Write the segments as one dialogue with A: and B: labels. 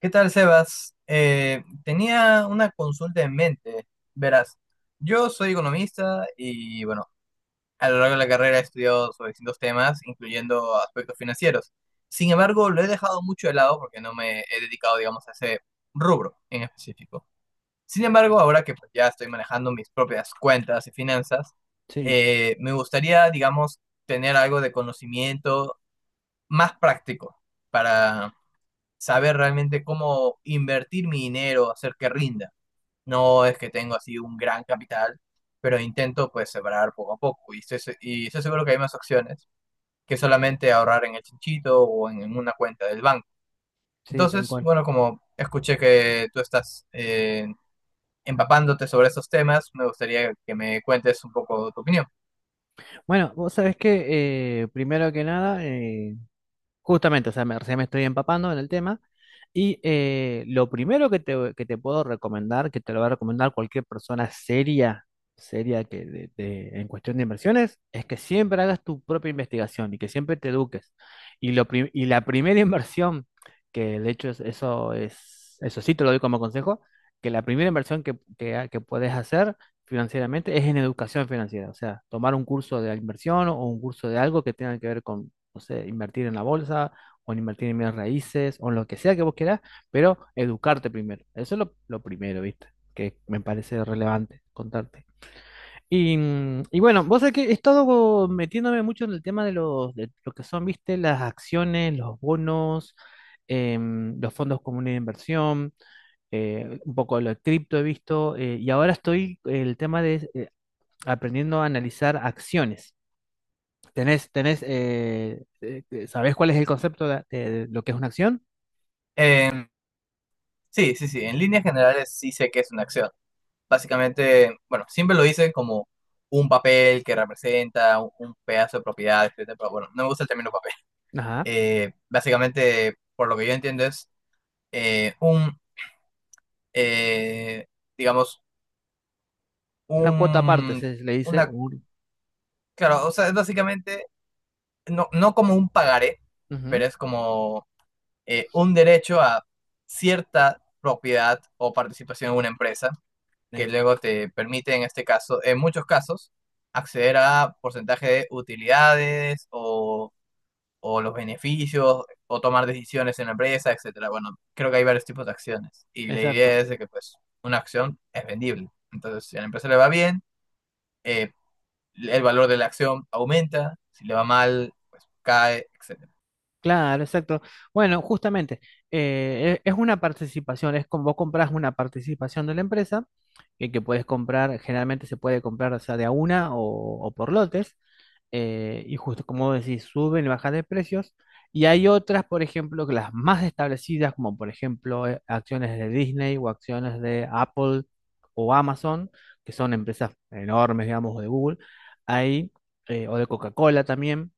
A: ¿Qué tal, Sebas? Tenía una consulta en mente. Verás, yo soy economista y, bueno, a lo largo de la carrera he estudiado sobre distintos temas, incluyendo aspectos financieros. Sin embargo, lo he dejado mucho de lado porque no me he dedicado, digamos, a ese rubro en específico. Sin embargo, ahora que pues, ya estoy manejando mis propias cuentas y finanzas,
B: Sí,
A: me gustaría, digamos, tener algo de conocimiento más práctico, saber realmente cómo invertir mi dinero, hacer que rinda. No es que tengo así un gran capital, pero intento pues separar poco a poco. Y estoy seguro que hay más opciones que solamente ahorrar en el chinchito o en una cuenta del banco.
B: sí, tal
A: Entonces,
B: cual.
A: bueno, como escuché que tú estás empapándote sobre esos temas, me gustaría que me cuentes un poco tu opinión.
B: Bueno, vos sabés que primero que nada, justamente, o sea, recién me estoy empapando en el tema. Y lo primero que que te puedo recomendar, que te lo va a recomendar cualquier persona seria que en cuestión de inversiones, es que siempre hagas tu propia investigación y que siempre te eduques. Y la primera inversión, que de hecho eso sí te lo doy como consejo, que la primera inversión que puedes hacer financieramente es en educación financiera. O sea, tomar un curso de inversión o un curso de algo que tenga que ver no sé, invertir en la bolsa o en invertir en bienes raíces o en lo que sea que vos quieras, pero educarte primero. Eso es lo primero, ¿viste? Que me parece relevante contarte. Y bueno, vos sabés que he estado metiéndome mucho en el tema de lo que son, ¿viste? Las acciones, los bonos. Los fondos comunes de inversión, un poco lo de cripto he visto, y ahora estoy el tema de aprendiendo a analizar acciones. ¿Sabés cuál es el concepto de lo que es una acción?
A: Eh, sí, sí, sí, en líneas generales sí sé que es una acción. Básicamente, bueno, siempre lo dicen como un papel que representa un pedazo de propiedad, etcétera, pero bueno, no me gusta el término papel.
B: Ajá.
A: Básicamente, por lo que yo entiendo, es eh, un, eh, digamos,
B: Una cuota aparte,
A: un,
B: se le dice.
A: una, claro, o sea, es básicamente, no, no como un pagaré,
B: Ujú.
A: pero es como un derecho a cierta propiedad o participación en una empresa que
B: ex-
A: luego te permite, en este caso, en muchos casos, acceder a porcentaje de utilidades o los beneficios o tomar decisiones en la empresa, etcétera. Bueno, creo que hay varios tipos de acciones y la idea
B: Exacto.
A: es de que pues una acción es vendible. Entonces, si a la empresa le va bien, eh, el valor de la acción aumenta, si le va mal, pues cae, etcétera.
B: Claro, exacto. Bueno, justamente, es una participación, es como vos compras una participación de la empresa, que puedes comprar, generalmente se puede comprar, o sea, de a una o por lotes. Y justo como vos decís, suben y bajan de precios. Y hay otras, por ejemplo, que las más establecidas, como por ejemplo acciones de Disney o acciones de Apple o Amazon, que son empresas enormes, digamos, o de Google, ahí, o de Coca-Cola también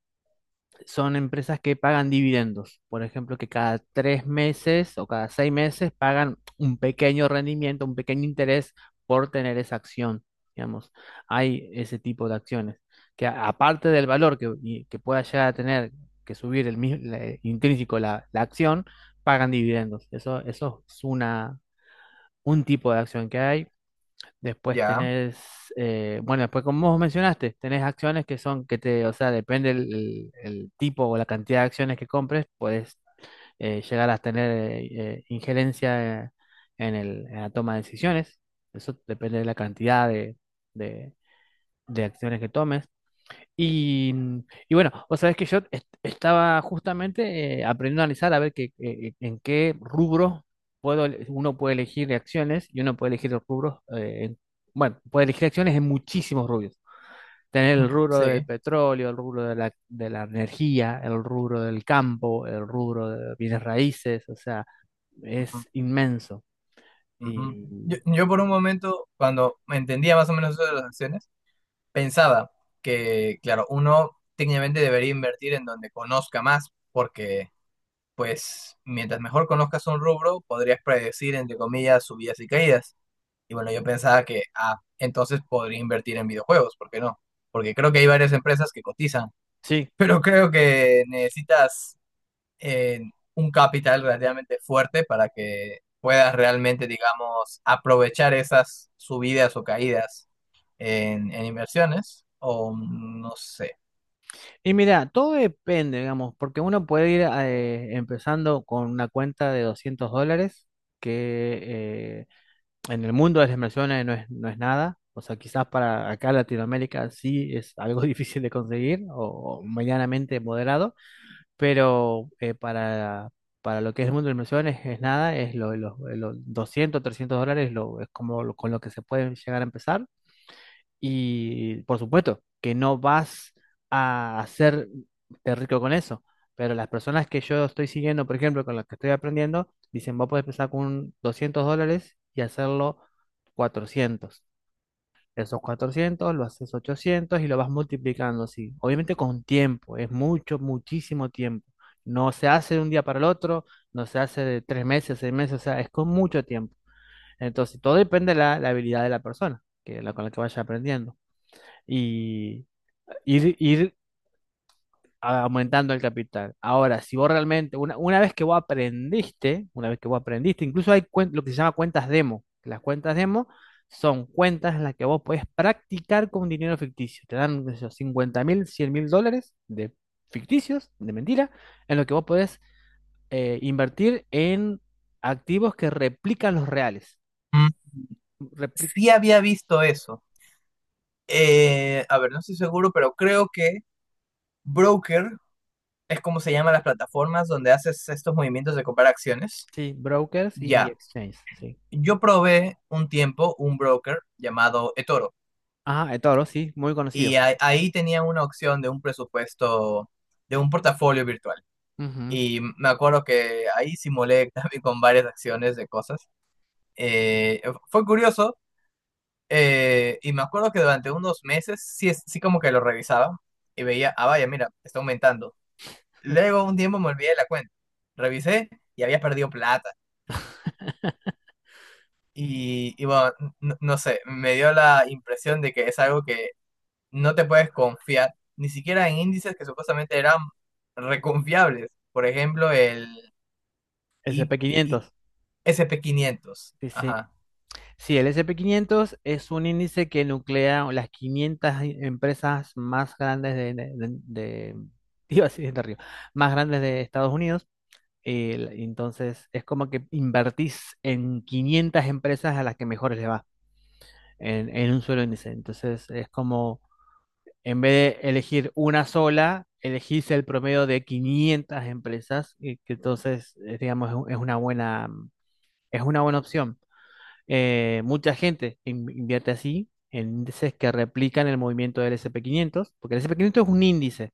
B: son empresas que pagan dividendos. Por ejemplo, que cada 3 meses o cada 6 meses pagan un pequeño rendimiento, un pequeño interés por tener esa acción. Digamos, hay ese tipo de acciones que aparte del valor que, y que pueda llegar a tener que subir el mismo intrínseco la acción, pagan dividendos. Eso es un tipo de acción que hay. Después
A: Ya,
B: tenés, bueno, después como vos mencionaste, tenés acciones que son, o sea, depende el tipo o la cantidad de acciones que compres, puedes llegar a tener injerencia en la toma de decisiones. Eso depende de la cantidad de- de acciones que tomes. Y, y bueno, o sabes que yo estaba justamente aprendiendo a analizar a ver que, en qué rubros uno puede elegir acciones y uno puede elegir los rubros, bueno, puede elegir acciones en muchísimos rubros. Tener el rubro del
A: sí.
B: petróleo, el rubro de la energía, el rubro del campo, el rubro de bienes raíces, o sea,
A: Ujú,
B: es inmenso.
A: ujú. Yo,
B: Y
A: yo por un momento, cuando entendía más o menos eso de las acciones, pensaba que, claro, uno técnicamente debería invertir en donde conozca más, porque, pues, mientras mejor conozcas un rubro, podrías predecir, entre comillas, subidas y caídas. Y bueno, yo pensaba que, ah, entonces podría invertir en videojuegos, ¿por qué no? Porque creo que hay varias empresas que cotizan,
B: sí.
A: pero creo que necesitas eh, un capital relativamente fuerte para que puedas realmente, digamos, aprovechar esas subidas o caídas en inversiones, o no sé.
B: Y mira, todo depende, digamos, porque uno puede ir empezando con una cuenta de 200 dólares, que en el mundo de las inversiones no es nada. O sea, quizás para acá Latinoamérica sí es algo difícil de conseguir o medianamente moderado, pero para lo que es el mundo de las inversiones es nada, es los 200, 300 dólares lo, es como lo- con lo que se puede llegar a empezar. Y por supuesto que no vas a hacerte rico con eso, pero las personas que yo estoy siguiendo, por ejemplo, con las que estoy aprendiendo, dicen, vos podés empezar con 200 dólares y hacerlo 400. Esos 400 lo haces 800 y lo vas multiplicando así. Obviamente con tiempo, es mucho, muchísimo tiempo. No se hace de un día para el otro, no se hace de 3 meses, 6 meses, o sea, es con mucho tiempo. Entonces, todo depende de la habilidad de la persona que, con la que vaya aprendiendo y ir aumentando el capital. Ahora, si vos realmente, una vez que vos aprendiste, incluso hay lo que se llama cuentas demo. Que Las cuentas demo son cuentas en las que vos podés practicar con dinero ficticio. Te dan, qué sé yo, 50 mil, cien mil dólares de ficticios, de mentira, en lo que vos podés invertir en activos que replican los reales.
A: Mm,
B: Repli-
A: sí había visto eso. A ver, no estoy seguro, pero creo que broker es como se llaman las plataformas donde haces estos movimientos de comprar acciones.
B: sí, brokers y
A: Ya,
B: exchanges, sí.
A: yo probé un tiempo un broker llamado eToro
B: Ajá, eToro, sí, muy
A: y
B: conocido.
A: a- ahí tenía una opción de un presupuesto, de un portafolio virtual. Y me acuerdo que ahí simulé también con varias acciones de cosas. Eh, Fue curioso. Y me acuerdo que durante unos meses sí, como que lo revisaba y veía, ah, vaya, mira, está aumentando. Luego un tiempo me olvidé de la cuenta. Revisé y había perdido plata. Y bueno, no, no sé, me dio la impresión de que es algo que no te puedes confiar, ni siquiera en índices que supuestamente eran reconfiables. Por ejemplo, el
B: El
A: I-
B: sp
A: I-
B: quinientos
A: S&P 500.
B: Sí, sí.
A: Ajá,
B: Sí, el sp quinientos es un índice que nuclea las 500 empresas más grandes iba a decir de Río, más grandes de Estados Unidos. Entonces, es como que invertís en 500 empresas a las que mejor les va en un solo índice. Entonces, es como, en vez de elegir una sola, elegís el promedio de 500 empresas y que entonces, digamos, es una buena opción. Mucha gente invierte así en índices que replican el movimiento del S&P 500, porque el S&P 500 es un índice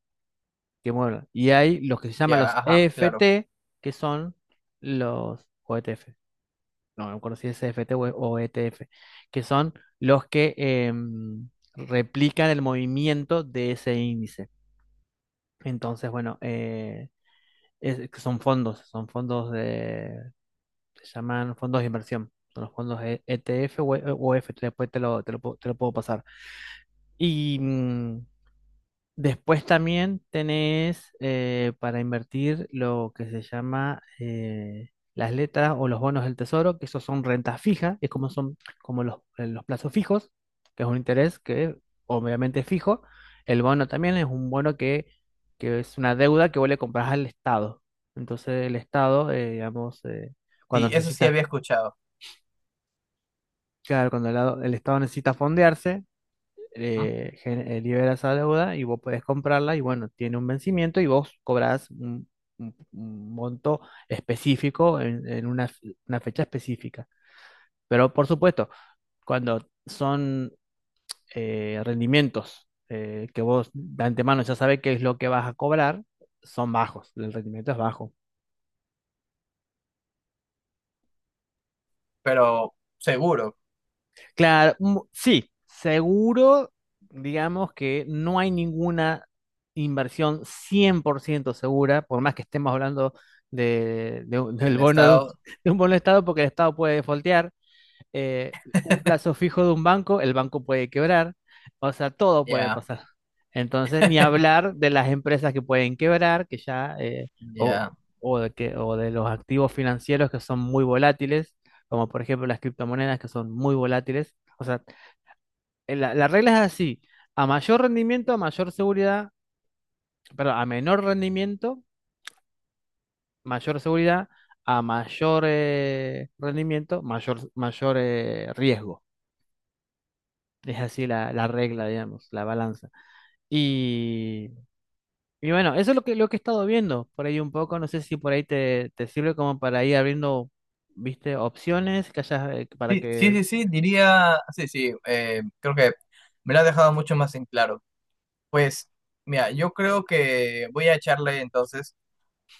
B: que mueve. Y hay los que se llaman
A: ya,
B: los
A: ajá, claro.
B: EFT, que son los o ETF. No, no conocí ese EFT o, E, o ETF, que son los que replican el movimiento de ese índice. Entonces, bueno, son fondos de se llaman fondos de inversión. Son los fondos ETF o EF. Después te lo puedo pasar. Y después también tenés para invertir lo que se llama las letras o los bonos del tesoro, que esos son rentas fijas, es como son como los plazos fijos, que es un interés que obviamente es fijo. El bono también es un bono que es una deuda que vos le comprás al Estado. Entonces el Estado, digamos, cuando
A: Sí, eso sí
B: necesitas.
A: había escuchado,
B: Claro, cuando el Estado necesita fondearse,
A: ¿m?
B: libera esa deuda y vos podés comprarla y bueno, tiene un vencimiento y vos cobrás un monto específico en una fecha específica. Pero por supuesto, cuando son rendimientos que vos de antemano ya sabés qué es lo que vas a cobrar, son bajos, el rendimiento es bajo.
A: Pero seguro.
B: Claro, mm, sí, seguro, digamos que no hay ninguna inversión 100% segura, por más que estemos hablando
A: Del
B: del bono
A: estado.
B: de un bono de Estado, porque el Estado puede defaultear, eh, un plazo fijo de un banco, el banco puede quebrar, o sea, todo puede
A: Ya,
B: pasar. Entonces, ni hablar de las empresas que pueden quebrar, que ya, o,
A: ya.
B: o de los activos financieros que son muy volátiles, como por ejemplo las criptomonedas que son muy volátiles. O sea, la regla es así, a mayor rendimiento, a mayor seguridad, perdón, a menor rendimiento, mayor seguridad, a mayor rendimiento, mayor riesgo. Es así la regla, digamos, la balanza. Y, y bueno, eso es lo que, he estado viendo por ahí un poco. No sé si por ahí te sirve como para ir abriendo, viste, opciones que hayas, para
A: Sí, sí,
B: que.
A: sí, sí, diría, sí, sí, creo que me lo ha dejado mucho más en claro. Pues, mira, yo creo que voy a echarle entonces,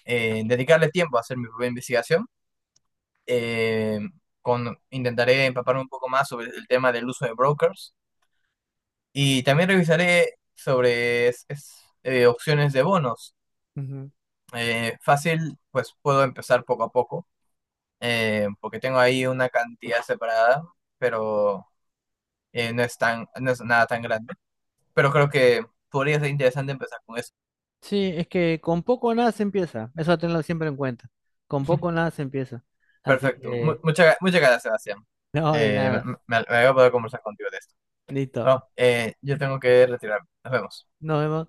A: dedicarle tiempo a hacer mi propia investigación. Eh, con, intentaré empaparme un poco más sobre el tema del uso de brokers y también revisaré sobre opciones de bonos.
B: Ujú.
A: Fácil, pues puedo empezar poco a poco, porque tengo ahí una cantidad separada, pero... no, es tan, no es nada tan grande. Pero creo que podría ser interesante empezar con eso.
B: Sí, es que con poco o nada se empieza. Eso tenlo siempre en cuenta. Con poco o nada se empieza. Así
A: Perfecto.
B: que,
A: Muchas gracias, Sebastián.
B: no, de
A: Eh, me,
B: nada.
A: Me voy a poder conversar contigo de esto.
B: Listo.
A: Bueno, yo tengo que retirarme. Nos vemos.
B: Nos vemos.